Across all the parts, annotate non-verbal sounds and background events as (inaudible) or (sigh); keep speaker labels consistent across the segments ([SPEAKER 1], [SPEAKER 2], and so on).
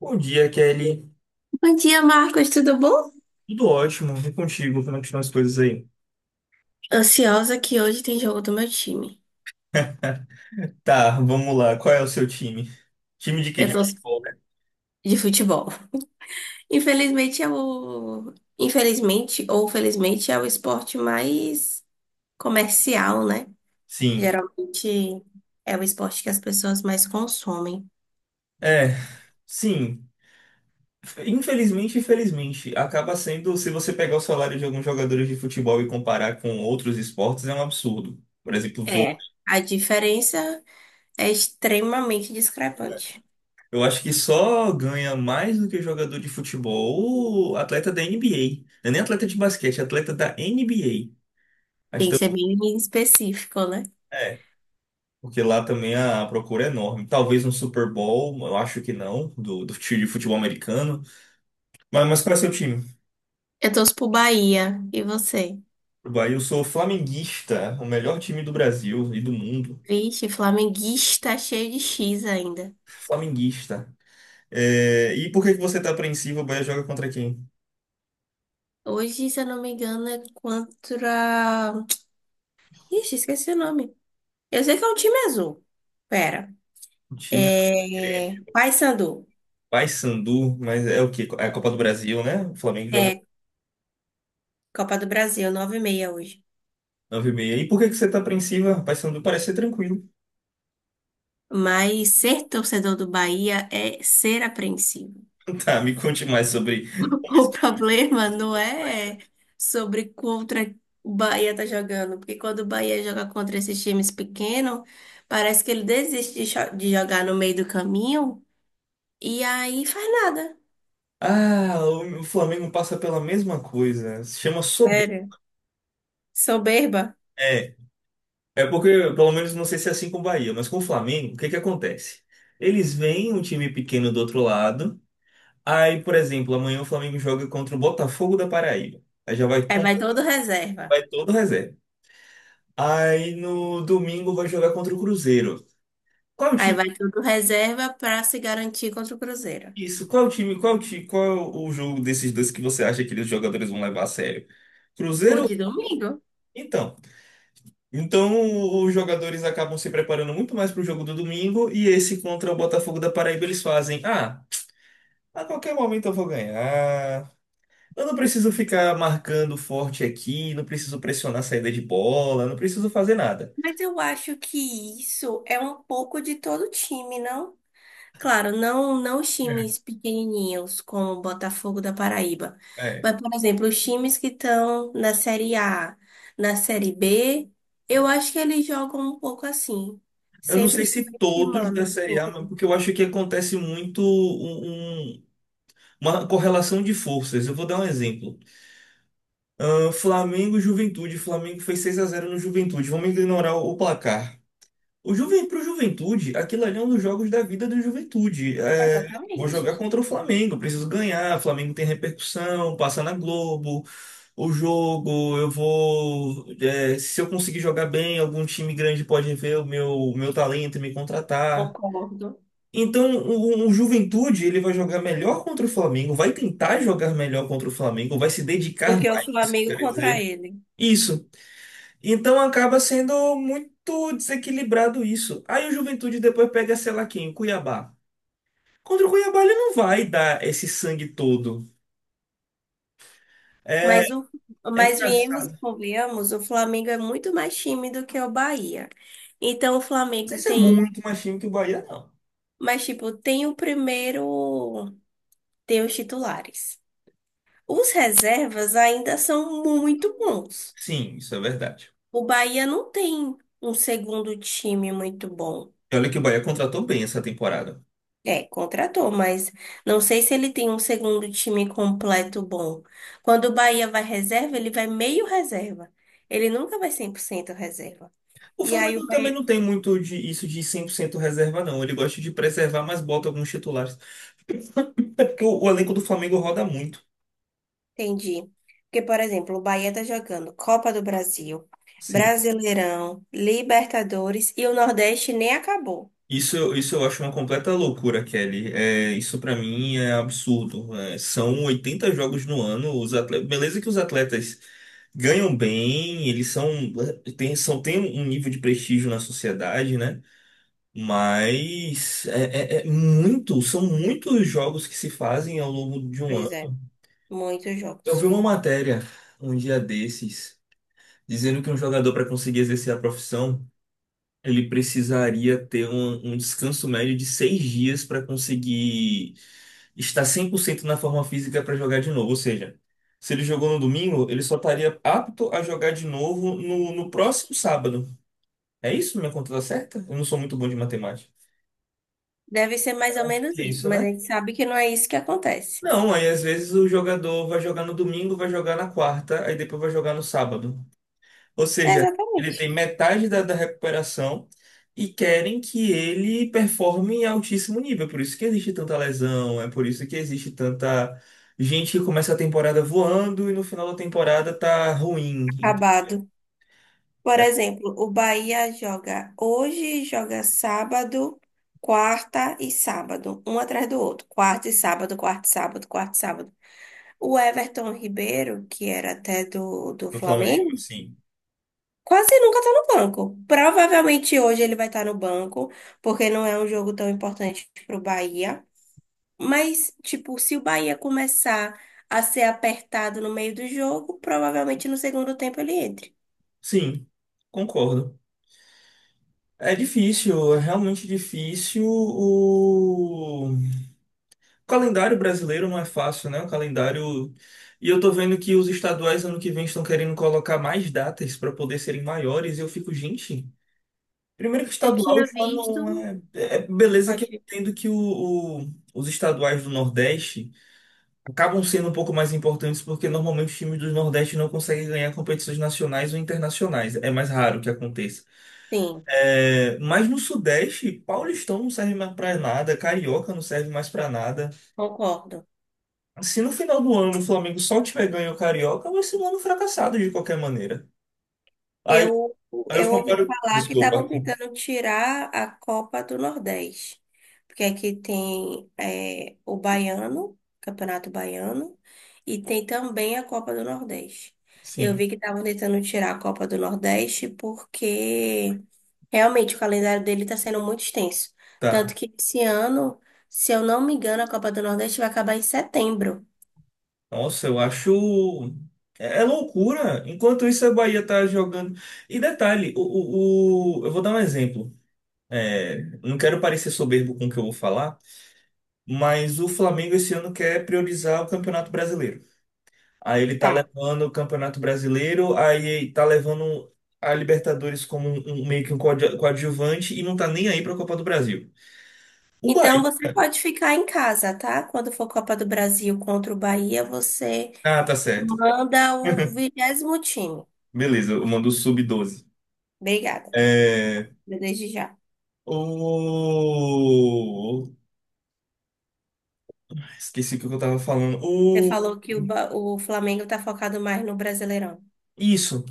[SPEAKER 1] Bom dia, Kelly.
[SPEAKER 2] Bom dia, Marcos, tudo bom?
[SPEAKER 1] Tudo ótimo. E contigo? Como é que estão as coisas aí?
[SPEAKER 2] Ansiosa que hoje tem jogo do meu time.
[SPEAKER 1] (laughs) Tá, vamos lá. Qual é o seu time? Time de quê?
[SPEAKER 2] Eu
[SPEAKER 1] De
[SPEAKER 2] tô
[SPEAKER 1] futebol, né?
[SPEAKER 2] de futebol. Infelizmente é infelizmente ou felizmente é o esporte mais comercial, né?
[SPEAKER 1] Sim.
[SPEAKER 2] Geralmente é o esporte que as pessoas mais consomem.
[SPEAKER 1] É, sim. Infelizmente, infelizmente, acaba sendo, se você pegar o salário de alguns jogadores de futebol e comparar com outros esportes, é um absurdo. Por exemplo,
[SPEAKER 2] É.
[SPEAKER 1] vôlei.
[SPEAKER 2] A diferença é extremamente discrepante.
[SPEAKER 1] Eu acho que só ganha mais do que jogador de futebol o atleta da NBA. Não é nem atleta de basquete, é atleta da NBA. Acho
[SPEAKER 2] Tem que ser
[SPEAKER 1] que
[SPEAKER 2] bem específico, né?
[SPEAKER 1] também. Porque lá também a procura é enorme. Talvez um Super Bowl, eu acho que não, do time de futebol americano. Mas qual é seu time?
[SPEAKER 2] Eu torço pro Bahia. E você?
[SPEAKER 1] Bahia, eu sou flamenguista, o melhor time do Brasil e do mundo.
[SPEAKER 2] Vixe, flamenguista cheio de X ainda.
[SPEAKER 1] Flamenguista. É, e por que que você tá apreensivo? O Bahia joga contra quem?
[SPEAKER 2] Hoje, se eu não me engano, é contra. Ixi, esqueci o nome. Eu sei que é um time azul. Pera.
[SPEAKER 1] O time é
[SPEAKER 2] É.
[SPEAKER 1] Grêmio,
[SPEAKER 2] Paysandu.
[SPEAKER 1] Paysandu, mas é o quê? É a Copa do Brasil, né? O Flamengo joga
[SPEAKER 2] É Copa do Brasil, 9h30 hoje.
[SPEAKER 1] nove h 30. E por que que você tá apreensiva? Paysandu parece ser tranquilo.
[SPEAKER 2] Mas ser torcedor do Bahia é ser apreensivo.
[SPEAKER 1] (laughs) Tá, me conte mais sobre
[SPEAKER 2] (laughs)
[SPEAKER 1] como é esse
[SPEAKER 2] O
[SPEAKER 1] time
[SPEAKER 2] problema não
[SPEAKER 1] do Bahia.
[SPEAKER 2] é sobre contra o Bahia tá jogando, porque quando o Bahia joga contra esses times pequenos, parece que ele desiste de jogar no meio do caminho e aí faz nada.
[SPEAKER 1] Ah, o Flamengo passa pela mesma coisa. Se chama soberba.
[SPEAKER 2] Sério. Soberba.
[SPEAKER 1] É, é porque, pelo menos, não sei se é assim com o Bahia, mas com o Flamengo, o que que acontece? Eles veem um time pequeno do outro lado. Aí, por exemplo, amanhã o Flamengo joga contra o Botafogo da Paraíba. Aí já vai,
[SPEAKER 2] Aí vai todo reserva.
[SPEAKER 1] vai todo reserva. Aí no domingo vai jogar contra o Cruzeiro. Qual é o
[SPEAKER 2] Aí
[SPEAKER 1] time?
[SPEAKER 2] vai todo reserva para se garantir contra o Cruzeiro.
[SPEAKER 1] Isso, qual é o time? Qual é o time? Qual é o jogo desses dois que você acha que os jogadores vão levar a sério?
[SPEAKER 2] O
[SPEAKER 1] Cruzeiro?
[SPEAKER 2] de domingo.
[SPEAKER 1] Então. Então, os jogadores acabam se preparando muito mais para o jogo do domingo e esse contra o Botafogo da Paraíba eles fazem, a qualquer momento eu vou ganhar. Eu não preciso ficar marcando forte aqui, não preciso pressionar a saída de bola, não preciso fazer nada.
[SPEAKER 2] Mas eu acho que isso é um pouco de todo time, não? Claro, não, não os
[SPEAKER 1] É.
[SPEAKER 2] times pequenininhos como o Botafogo da Paraíba,
[SPEAKER 1] É.
[SPEAKER 2] mas, por exemplo, os times que estão na Série A, na Série B, eu acho que eles jogam um pouco assim,
[SPEAKER 1] Eu não
[SPEAKER 2] sempre
[SPEAKER 1] sei se todos
[SPEAKER 2] subestimando
[SPEAKER 1] da
[SPEAKER 2] o
[SPEAKER 1] Série A,
[SPEAKER 2] time.
[SPEAKER 1] mas porque eu acho que acontece muito uma correlação de forças. Eu vou dar um exemplo. Ah, Flamengo e Juventude. Flamengo fez 6 a 0 no Juventude. Vamos ignorar o placar. Pro Juventude, aquilo ali é um dos jogos da vida do Juventude. É, vou jogar
[SPEAKER 2] Exatamente,
[SPEAKER 1] contra o Flamengo, preciso ganhar. O Flamengo tem repercussão, passa na Globo, o jogo. Eu vou. Se eu conseguir jogar bem, algum time grande pode ver o meu talento e me contratar.
[SPEAKER 2] concordo.
[SPEAKER 1] Então, o Juventude, ele vai jogar melhor contra o Flamengo, vai tentar jogar melhor contra o Flamengo, vai se
[SPEAKER 2] Do
[SPEAKER 1] dedicar
[SPEAKER 2] que o
[SPEAKER 1] mais, isso que
[SPEAKER 2] Flamengo
[SPEAKER 1] eu quero
[SPEAKER 2] contra
[SPEAKER 1] dizer.
[SPEAKER 2] ele.
[SPEAKER 1] Isso. Então acaba sendo muito desequilibrado isso. Aí o Juventude depois pega, sei lá quem, o Cuiabá. Contra o Cuiabá ele não vai dar esse sangue todo. É,
[SPEAKER 2] Mas, o,
[SPEAKER 1] é
[SPEAKER 2] mas viemos
[SPEAKER 1] engraçado.
[SPEAKER 2] e
[SPEAKER 1] Não
[SPEAKER 2] convenhamos, o Flamengo é muito mais time do que o Bahia. Então, o
[SPEAKER 1] sei
[SPEAKER 2] Flamengo
[SPEAKER 1] se é
[SPEAKER 2] tem,
[SPEAKER 1] muito mais time que o Bahia, não.
[SPEAKER 2] mas tipo, tem o primeiro, tem os titulares. Os reservas ainda são muito bons.
[SPEAKER 1] Sim, isso é verdade.
[SPEAKER 2] O Bahia não tem um segundo time muito bom.
[SPEAKER 1] E olha que o Bahia contratou bem essa temporada.
[SPEAKER 2] É, contratou, mas não sei se ele tem um segundo time completo bom. Quando o Bahia vai reserva, ele vai meio reserva. Ele nunca vai 100% reserva.
[SPEAKER 1] O
[SPEAKER 2] E aí o
[SPEAKER 1] Flamengo também
[SPEAKER 2] Bahia.
[SPEAKER 1] não tem muito de isso de 100% reserva, não. Ele gosta de preservar, mas bota alguns titulares. É porque o elenco do Flamengo roda muito.
[SPEAKER 2] Entendi. Porque, por exemplo, o Bahia tá jogando Copa do Brasil,
[SPEAKER 1] Sim.
[SPEAKER 2] Brasileirão, Libertadores e o Nordeste nem acabou.
[SPEAKER 1] Isso, isso eu acho uma completa loucura, Kelly. É, isso pra mim é absurdo. É, são 80 jogos no ano. Os atletas, beleza que os atletas ganham bem, eles são, tem um nível de prestígio na sociedade, né? Mas é muito, são muitos jogos que se fazem ao longo de um
[SPEAKER 2] Pois é,
[SPEAKER 1] ano.
[SPEAKER 2] muitos
[SPEAKER 1] Eu vi
[SPEAKER 2] jogos.
[SPEAKER 1] uma matéria um dia desses dizendo que um jogador para conseguir exercer a profissão ele precisaria ter um descanso médio de 6 dias para conseguir estar 100% na forma física para jogar de novo. Ou seja, se ele jogou no domingo, ele só estaria apto a jogar de novo no próximo sábado. É isso? Minha conta tá certa? Eu não sou muito bom de matemática.
[SPEAKER 2] Deve ser mais ou menos
[SPEAKER 1] É
[SPEAKER 2] isso,
[SPEAKER 1] isso,
[SPEAKER 2] mas a
[SPEAKER 1] né?
[SPEAKER 2] gente sabe que não é isso que acontece.
[SPEAKER 1] Não, aí às vezes o jogador vai jogar no domingo, vai jogar na quarta, aí depois vai jogar no sábado. Ou
[SPEAKER 2] É
[SPEAKER 1] seja, ele tem
[SPEAKER 2] exatamente.
[SPEAKER 1] metade da recuperação e querem que ele performe em altíssimo nível. É. Por isso que existe tanta lesão, é por isso que existe tanta gente que começa a temporada voando e no final da temporada tá ruim.
[SPEAKER 2] Acabado. Por
[SPEAKER 1] É,
[SPEAKER 2] exemplo, o Bahia joga hoje, joga sábado, quarta e sábado, um atrás do outro. Quarta e sábado, quarta e sábado, quarta e sábado. O Everton Ribeiro, que era até do
[SPEAKER 1] no Flamengo,
[SPEAKER 2] Flamengo,
[SPEAKER 1] assim.
[SPEAKER 2] quase nunca tá no banco. Provavelmente hoje ele vai estar no banco, porque não é um jogo tão importante pro Bahia. Mas, tipo, se o Bahia começar a ser apertado no meio do jogo, provavelmente no segundo tempo ele entre.
[SPEAKER 1] Sim, concordo. É difícil, é realmente difícil. O calendário brasileiro não é fácil, né? O calendário. E eu tô vendo que os estaduais ano que vem estão querendo colocar mais datas para poder serem maiores. E eu fico, gente. Primeiro que
[SPEAKER 2] Eu
[SPEAKER 1] estadual
[SPEAKER 2] tinha
[SPEAKER 1] já
[SPEAKER 2] visto.
[SPEAKER 1] não é. É beleza que eu
[SPEAKER 2] Pode.
[SPEAKER 1] entendo que os estaduais do Nordeste acabam sendo um pouco mais importantes porque normalmente os times do Nordeste não conseguem ganhar competições nacionais ou internacionais. É mais raro que aconteça.
[SPEAKER 2] Sim,
[SPEAKER 1] É, mas no Sudeste, Paulistão não serve mais pra nada, Carioca não serve mais pra nada.
[SPEAKER 2] concordo.
[SPEAKER 1] Se no final do ano o Flamengo só tiver ganho o Carioca, vai ser um ano fracassado de qualquer maneira. Aí,
[SPEAKER 2] Eu,
[SPEAKER 1] aí, eu
[SPEAKER 2] eu ouvi
[SPEAKER 1] comparo.
[SPEAKER 2] falar que
[SPEAKER 1] Desculpa.
[SPEAKER 2] estavam tentando tirar a Copa do Nordeste, porque aqui tem é, o Baiano, Campeonato Baiano, e tem também a Copa do Nordeste. Eu
[SPEAKER 1] Sim,
[SPEAKER 2] vi que estavam tentando tirar a Copa do Nordeste porque realmente o calendário dele está sendo muito extenso.
[SPEAKER 1] tá.
[SPEAKER 2] Tanto que esse ano, se eu não me engano, a Copa do Nordeste vai acabar em setembro.
[SPEAKER 1] Nossa, eu acho. É loucura. Enquanto isso, a Bahia tá jogando. E detalhe, eu vou dar um exemplo. É, não quero parecer soberbo com o que eu vou falar, mas o Flamengo esse ano quer priorizar o Campeonato Brasileiro. Aí ele tá
[SPEAKER 2] Tá.
[SPEAKER 1] levando o Campeonato Brasileiro, aí tá levando a Libertadores como meio que um coadjuvante e não tá nem aí pra Copa do Brasil. O
[SPEAKER 2] Então
[SPEAKER 1] Bahia.
[SPEAKER 2] você pode ficar em casa, tá? Quando for Copa do Brasil contra o Bahia, você
[SPEAKER 1] Ah, tá certo.
[SPEAKER 2] manda o
[SPEAKER 1] (laughs)
[SPEAKER 2] vigésimo time.
[SPEAKER 1] Beleza, eu mando o sub-12.
[SPEAKER 2] Obrigada,
[SPEAKER 1] É.
[SPEAKER 2] desde já.
[SPEAKER 1] O. Esqueci o que eu tava falando.
[SPEAKER 2] Você
[SPEAKER 1] O.
[SPEAKER 2] falou que o Flamengo tá focado mais no Brasileirão.
[SPEAKER 1] Isso.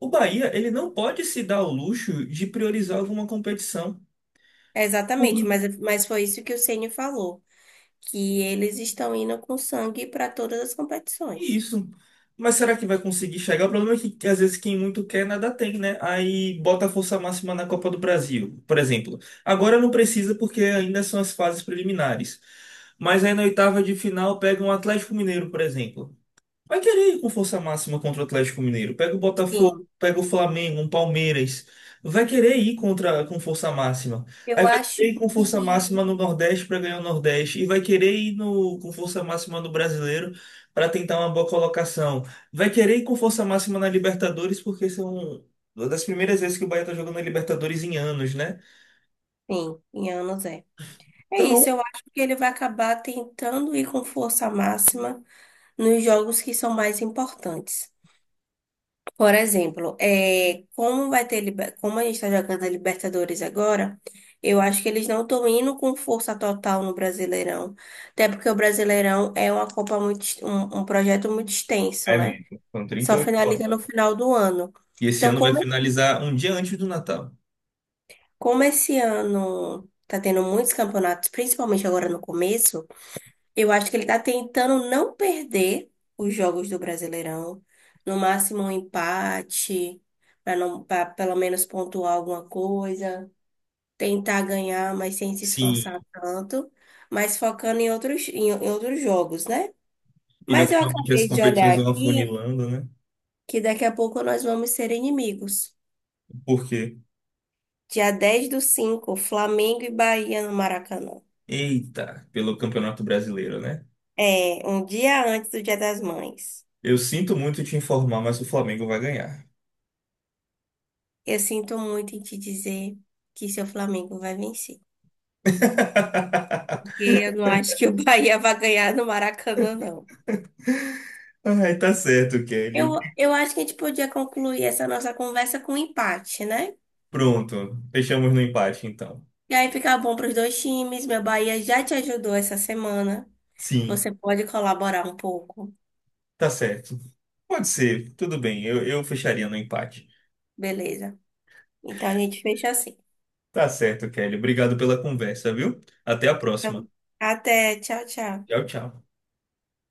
[SPEAKER 1] O Bahia, ele não pode se dar o luxo de priorizar alguma competição.
[SPEAKER 2] É, exatamente, mas foi isso que o Ceni falou, que eles estão indo com sangue para todas as competições.
[SPEAKER 1] Isso. Mas será que vai conseguir chegar? O problema é que às vezes quem muito quer nada tem, né? Aí bota a força máxima na Copa do Brasil, por exemplo. Agora não precisa porque ainda são as fases preliminares. Mas aí na oitava de final pega um Atlético Mineiro, por exemplo. Vai querer ir com força máxima contra o Atlético Mineiro. Pega o Botafogo,
[SPEAKER 2] Sim,
[SPEAKER 1] pega o Flamengo, um Palmeiras. Vai querer ir contra, com força máxima.
[SPEAKER 2] eu
[SPEAKER 1] Aí vai querer
[SPEAKER 2] acho
[SPEAKER 1] ir com força
[SPEAKER 2] que
[SPEAKER 1] máxima no Nordeste para ganhar o Nordeste. E vai querer ir com força máxima no Brasileiro para tentar uma boa colocação. Vai querer ir com força máxima na Libertadores, porque são uma das primeiras vezes que o Bahia está jogando na Libertadores em anos, né?
[SPEAKER 2] sim, em anos é. É
[SPEAKER 1] Então,
[SPEAKER 2] isso, eu acho que ele vai acabar tentando ir com força máxima nos jogos que são mais importantes. Por exemplo, é, como vai como a gente está jogando a Libertadores agora, eu acho que eles não estão indo com força total no Brasileirão. Até porque o Brasileirão é uma Copa muito, um, um projeto muito extenso,
[SPEAKER 1] é
[SPEAKER 2] né?
[SPEAKER 1] mesmo. São
[SPEAKER 2] Só
[SPEAKER 1] 38
[SPEAKER 2] finaliza no
[SPEAKER 1] rodadas.
[SPEAKER 2] final do ano.
[SPEAKER 1] E esse
[SPEAKER 2] Então,
[SPEAKER 1] ano vai
[SPEAKER 2] como,
[SPEAKER 1] finalizar um dia antes do Natal.
[SPEAKER 2] como esse ano está tendo muitos campeonatos, principalmente agora no começo. Eu acho que ele está tentando não perder os jogos do Brasileirão. No máximo um empate, para não, para pelo menos pontuar alguma coisa, tentar ganhar, mas sem se esforçar
[SPEAKER 1] Sim.
[SPEAKER 2] tanto, mas focando em outros, em outros jogos, né?
[SPEAKER 1] E
[SPEAKER 2] Mas eu
[SPEAKER 1] naturalmente as
[SPEAKER 2] acabei de
[SPEAKER 1] competições
[SPEAKER 2] olhar
[SPEAKER 1] vão
[SPEAKER 2] aqui
[SPEAKER 1] afunilando, né?
[SPEAKER 2] que daqui a pouco nós vamos ser inimigos.
[SPEAKER 1] Por quê?
[SPEAKER 2] Dia 10 do 5, Flamengo e Bahia no Maracanã.
[SPEAKER 1] Eita, pelo Campeonato Brasileiro, né?
[SPEAKER 2] É, um dia antes do Dia das Mães.
[SPEAKER 1] Eu sinto muito te informar, mas o Flamengo vai ganhar.
[SPEAKER 2] Eu sinto muito em te dizer que seu Flamengo vai vencer. Porque
[SPEAKER 1] (laughs)
[SPEAKER 2] eu não acho que o Bahia vai ganhar no Maracanã, não.
[SPEAKER 1] Ai, tá certo, Kelly.
[SPEAKER 2] Eu acho que a gente podia concluir essa nossa conversa com um empate, né?
[SPEAKER 1] Pronto, fechamos no empate, então.
[SPEAKER 2] E aí fica bom para os dois times. Meu Bahia já te ajudou essa semana.
[SPEAKER 1] Sim,
[SPEAKER 2] Você pode colaborar um pouco.
[SPEAKER 1] tá certo. Pode ser, tudo bem, eu fecharia no empate.
[SPEAKER 2] Beleza. Então a gente fecha assim.
[SPEAKER 1] Tá certo, Kelly. Obrigado pela conversa, viu? Até a próxima.
[SPEAKER 2] Então, até. Tchau, tchau.
[SPEAKER 1] Tchau, tchau.